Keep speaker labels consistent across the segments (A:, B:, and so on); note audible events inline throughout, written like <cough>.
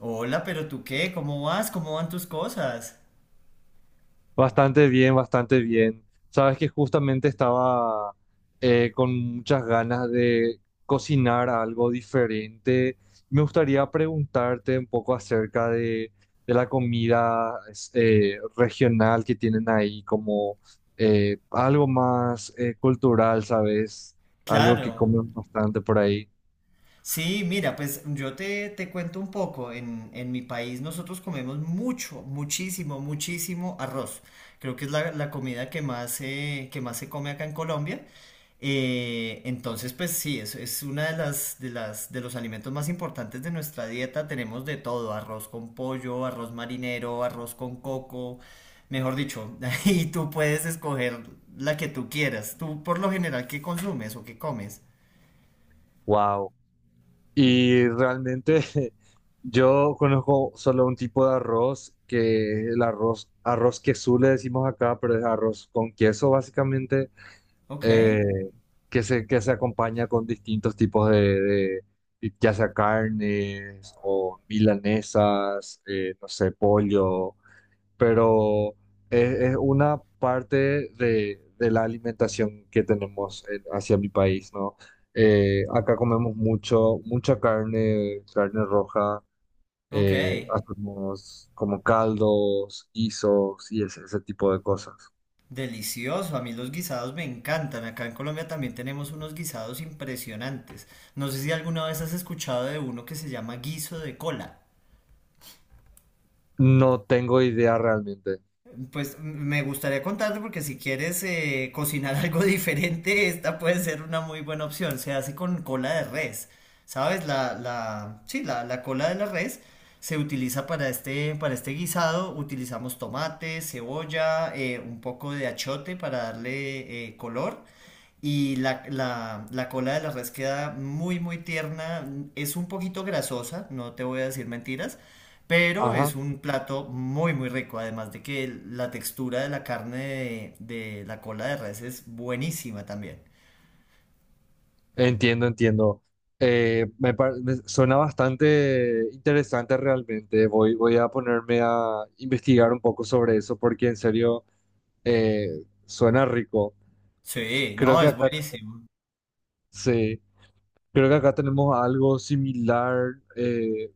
A: Hola, pero tú qué, ¿cómo vas? ¿Cómo van tus cosas?
B: Bastante bien, bastante bien. Sabes que justamente estaba con muchas ganas de cocinar algo diferente. Me gustaría preguntarte un poco acerca de la comida regional que tienen ahí, como algo más cultural, ¿sabes? Algo que
A: Claro.
B: comen bastante por ahí.
A: Sí, mira, pues yo te cuento un poco. En mi país nosotros comemos mucho, muchísimo, muchísimo arroz. Creo que es la comida que más se come acá en Colombia. Entonces, pues sí, es una de las de los alimentos más importantes de nuestra dieta. Tenemos de todo, arroz con pollo, arroz marinero, arroz con coco. Mejor dicho, <laughs> y tú puedes escoger la que tú quieras. Tú, por lo general, ¿qué consumes o qué comes?
B: Wow. Y realmente <laughs> yo conozco solo un tipo de arroz, que el arroz, arroz queso le decimos acá, pero es arroz con queso básicamente,
A: Ok,
B: eh, que se acompaña con distintos tipos de ya sea carnes o milanesas, no sé, pollo, pero es una parte de la alimentación que tenemos hacia mi país, ¿no? Acá comemos mucho, mucha carne, carne roja,
A: ok.
B: hacemos como caldos, guisos y ese tipo de cosas.
A: Delicioso, a mí los guisados me encantan. Acá en Colombia también tenemos unos guisados impresionantes. No sé si alguna vez has escuchado de uno que se llama guiso de cola.
B: No tengo idea realmente.
A: Pues me gustaría contarte porque si quieres cocinar <laughs> algo diferente, esta puede ser una muy buena opción. Se hace con cola de res. ¿Sabes? La cola de la res se utiliza para este guisado. Utilizamos tomate, cebolla, un poco de achote para darle color. Y la cola de la res queda muy, muy tierna. Es un poquito grasosa, no te voy a decir mentiras, pero es
B: Ajá,
A: un plato muy, muy rico. Además de que la textura de la carne de la cola de res es buenísima también.
B: entiendo, entiendo. Me suena bastante interesante realmente. Voy a ponerme a investigar un poco sobre eso porque en serio eh, suena rico.
A: Sí,
B: Creo
A: no,
B: que
A: es
B: acá,
A: buenísimo.
B: sí, creo que acá tenemos algo similar.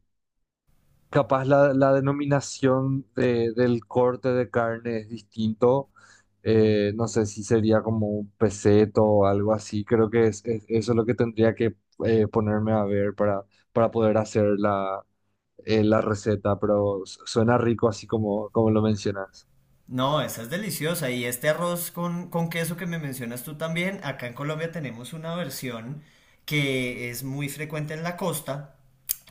B: Capaz la denominación del corte de carne es distinto. No sé si sería como un peseto o algo así. Creo que eso es lo que tendría que ponerme a ver para poder hacer la, la receta, pero suena rico así como, como lo mencionas.
A: No, esa es deliciosa. Y este arroz con queso que me mencionas tú también, acá en Colombia tenemos una versión que es muy frecuente en la costa.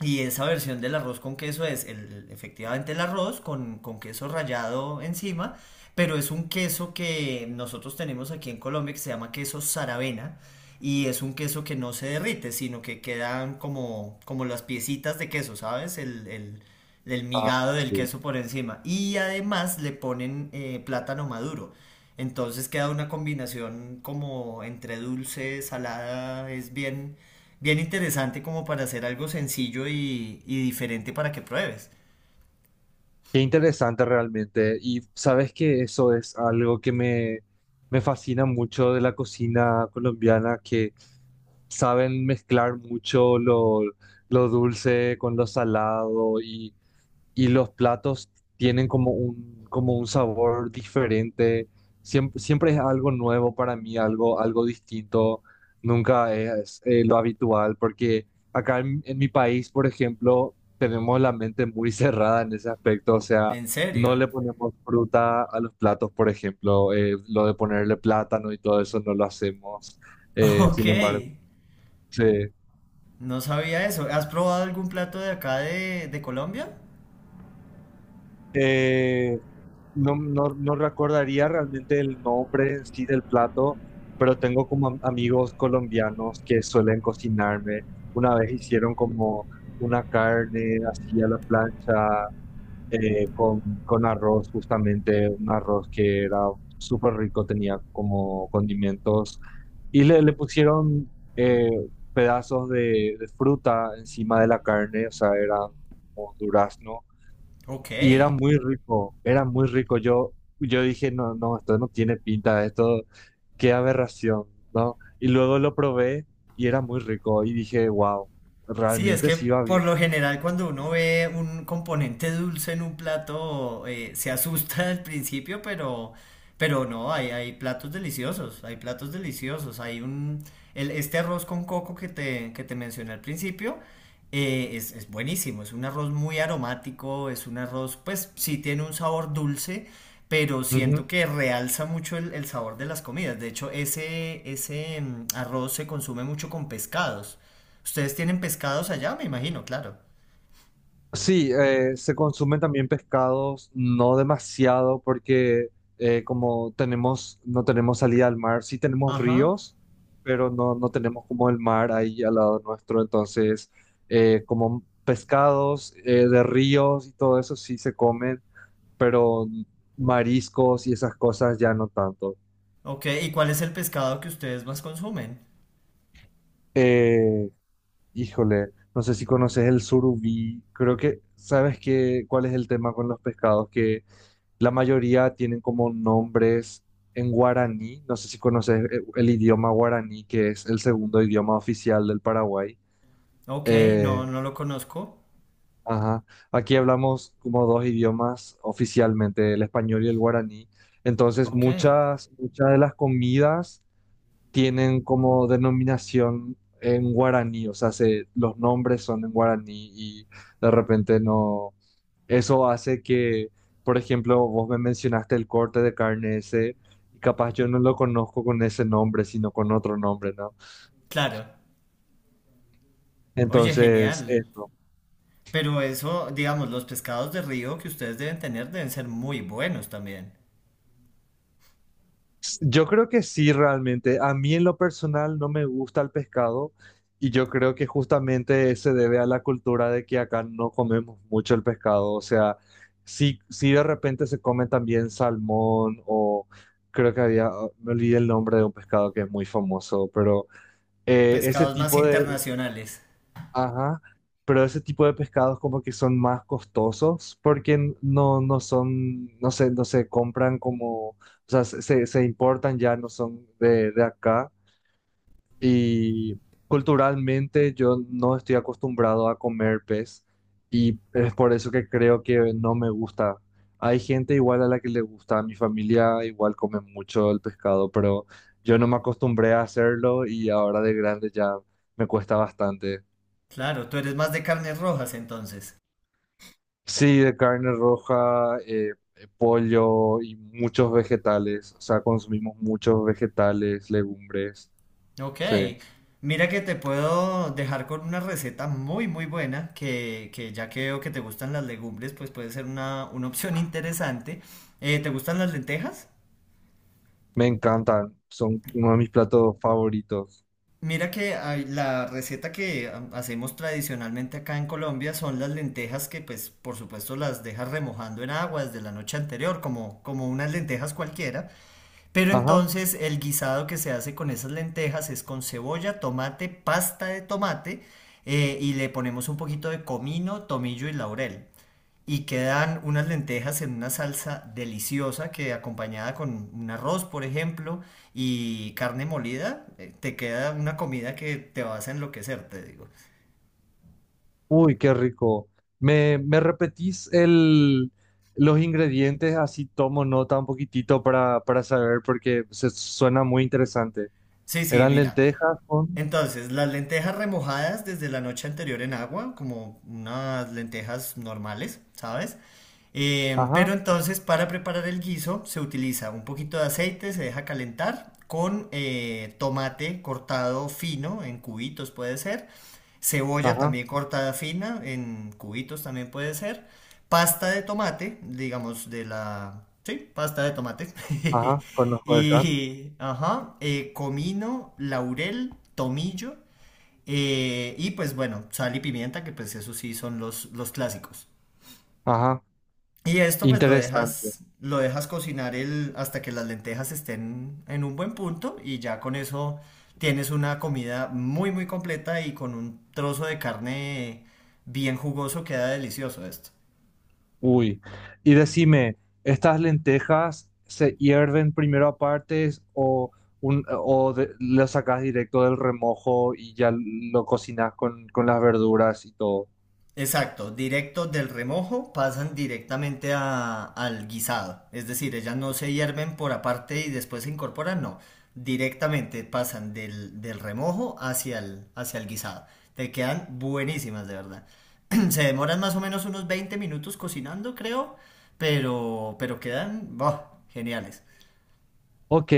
A: Y esa versión del arroz con queso es el, efectivamente el arroz con queso rallado encima, pero es un queso que nosotros tenemos aquí en Colombia que se llama queso saravena y es un queso que no se derrite, sino que quedan como, como las piecitas de queso, ¿sabes? El el, migado del
B: Sí.
A: queso por encima. Y además le ponen plátano maduro. Entonces queda una combinación como entre dulce, salada, es bien, bien interesante como para hacer algo sencillo y diferente para que pruebes.
B: Qué interesante realmente. Y sabes que eso es algo que me fascina mucho de la cocina colombiana, que saben mezclar mucho lo dulce con lo salado y los platos tienen como como un sabor diferente. Siempre, siempre es algo nuevo para mí, algo, algo distinto. Nunca es lo habitual, porque acá en mi país, por ejemplo, tenemos la mente muy <laughs> cerrada en ese aspecto. O sea,
A: ¿En
B: no
A: serio?
B: le ponemos fruta a los platos, por ejemplo. Lo de ponerle plátano y todo eso no lo hacemos.
A: <laughs> Ok,
B: Sin embargo, sí.
A: no sabía eso. ¿Has probado algún plato de acá de Colombia?
B: Eh, no, no, no recordaría realmente el nombre en sí del plato, pero tengo como amigos colombianos que suelen cocinarme. Una vez hicieron como una carne así a la plancha con arroz, justamente un arroz que era súper rico, tenía como condimentos y le pusieron pedazos de fruta encima de la carne, o sea, era como durazno
A: Ok.
B: y era muy rico, era muy rico. Yo dije, no, no, esto no tiene pinta, esto, qué aberración, ¿no? Y luego lo probé y era muy rico y dije, wow,
A: Sí, es
B: realmente
A: que
B: sí va bien.
A: por lo general cuando uno ve un componente dulce en un plato se asusta al principio, pero no, hay platos deliciosos, hay platos deliciosos, hay un, este arroz con coco que te mencioné al principio, es buenísimo, es un arroz muy aromático, es un arroz, pues sí tiene un sabor dulce, pero siento que realza mucho el sabor de las comidas. De hecho, ese arroz se consume mucho con pescados. Ustedes tienen pescados allá, me imagino, claro.
B: Sí, se consumen también pescados, no demasiado porque como tenemos, no tenemos salida al mar, sí tenemos
A: Ajá.
B: ríos, pero no, no tenemos como el mar ahí al lado nuestro, entonces como pescados de ríos y todo eso sí se comen, pero mariscos y esas cosas ya no tanto.
A: Ok, ¿y cuál es el pescado que ustedes más consumen?
B: Eh, híjole, no sé si conoces el surubí, creo que sabes que cuál es el tema con los pescados que la mayoría tienen como nombres en guaraní. No sé si conoces el idioma guaraní, que es el segundo idioma oficial del Paraguay.
A: Ok, no,
B: Eh,
A: no lo conozco.
B: ajá. Aquí hablamos como dos idiomas oficialmente, el español y el guaraní. Entonces,
A: Ok,
B: muchas, muchas de las comidas tienen como denominación en guaraní, o sea, los nombres son en guaraní y de repente no. Eso hace que, por ejemplo, vos me mencionaste el corte de carne ese, y capaz yo no lo conozco con ese nombre, sino con otro nombre, ¿no?
A: claro. Oye,
B: Entonces,
A: genial.
B: eso.
A: Pero eso, digamos, los pescados de río que ustedes deben tener deben ser muy buenos también.
B: Yo creo que sí, realmente. A mí en lo personal no me gusta el pescado, y yo creo que justamente se debe a la cultura de que acá no comemos mucho el pescado. O sea, sí, sí de repente se come también salmón, o creo que había, me olvidé el nombre de un pescado que es muy famoso, pero eh, ese
A: Pescados más
B: tipo de,
A: internacionales.
B: Ajá, pero ese tipo de pescados como que son más costosos porque no, no son, no se compran como, o sea, se importan ya, no son de acá. Y culturalmente yo no estoy acostumbrado a comer pez y es por eso que creo que no me gusta. Hay gente igual a la que le gusta, mi familia igual come mucho el pescado, pero yo no me acostumbré a hacerlo y ahora de grande ya me cuesta bastante.
A: Claro, tú eres más de carnes rojas entonces.
B: Sí, de carne roja, pollo y muchos vegetales. O sea, consumimos muchos vegetales, legumbres.
A: Ok,
B: Sí,
A: mira que te puedo dejar con una receta muy muy buena que ya que veo que te gustan las legumbres, pues puede ser una opción interesante. ¿Te gustan las lentejas?
B: me encantan. Son uno de mis platos favoritos.
A: Mira que la receta que hacemos tradicionalmente acá en Colombia son las lentejas que pues por supuesto las dejas remojando en agua desde la noche anterior, como, como unas lentejas cualquiera. Pero
B: Ajá.
A: entonces el guisado que se hace con esas lentejas es con cebolla, tomate, pasta de tomate, y le ponemos un poquito de comino, tomillo y laurel. Y quedan unas lentejas en una salsa deliciosa que acompañada con un arroz, por ejemplo, y carne molida, te queda una comida que te vas a enloquecer, te digo.
B: Uy, qué rico. ¿ me repetís los ingredientes? Así tomo nota un poquitito para saber porque se suena muy interesante.
A: Sí, sí,
B: Eran
A: mira.
B: lentejas con...
A: Entonces, las lentejas remojadas desde la noche anterior en agua, como unas lentejas normales, ¿sabes? Pero
B: Ajá,
A: entonces para preparar el guiso se utiliza un poquito de aceite, se deja calentar con tomate cortado fino en cubitos puede ser. Cebolla
B: ajá,
A: también cortada fina, en cubitos también puede ser. Pasta de tomate, digamos de la... Sí, pasta de tomate. <laughs>
B: ajá. Conozco esa.
A: Y, ajá, comino, laurel, tomillo, y pues bueno, sal y pimienta, que pues eso sí son los clásicos.
B: Ajá.
A: Y esto pues
B: Interesante.
A: lo dejas cocinar el, hasta que las lentejas estén en un buen punto y ya con eso tienes una comida muy muy completa y con un trozo de carne bien jugoso queda delicioso esto.
B: Uy, y decime, ¿estas lentejas se hierven primero aparte o, un, lo sacas directo del remojo y ya lo cocinas con las verduras y todo?
A: Exacto, directo del remojo pasan directamente al guisado. Es decir, ellas no se hierven por aparte y después se incorporan, no. Directamente pasan del remojo hacia hacia el guisado. Te quedan buenísimas, de verdad. <clears throat> Se demoran más o menos unos 20 minutos cocinando, creo, pero quedan, ¡buah, geniales!
B: Ok,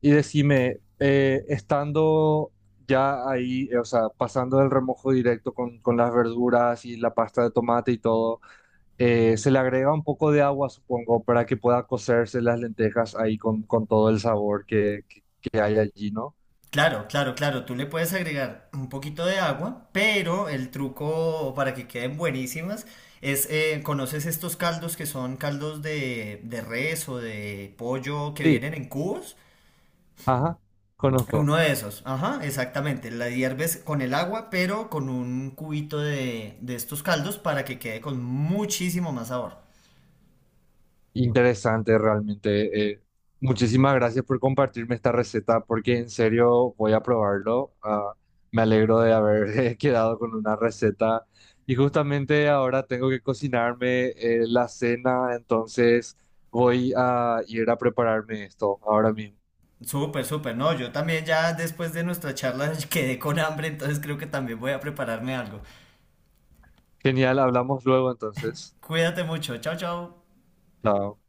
B: y decime, estando ya ahí, o sea, pasando del remojo directo con las verduras y la pasta de tomate y todo, se le agrega un poco de agua, supongo, para que pueda cocerse las lentejas ahí con todo el sabor que, que hay allí, ¿no?
A: Claro, claro, claro. Tú le puedes agregar un poquito de agua, pero el truco para que queden buenísimas es, ¿conoces estos caldos que son caldos de res o de pollo que
B: Sí.
A: vienen en cubos?
B: Ajá, conozco.
A: Uno de esos, ajá, exactamente. La hierves con el agua, pero con un cubito de estos caldos para que quede con muchísimo más sabor.
B: Interesante realmente. Muchísimas gracias por compartirme esta receta porque en serio voy a probarlo. Ah, me alegro de haber <laughs> quedado con una receta y justamente ahora tengo que cocinarme la cena, entonces voy a ir a prepararme esto ahora mismo.
A: Súper, súper. No, yo también ya después de nuestra charla <laughs> quedé con hambre, entonces creo que también voy a prepararme algo.
B: Genial, hablamos luego entonces.
A: Cuídate mucho. Chao, chao.
B: Chao.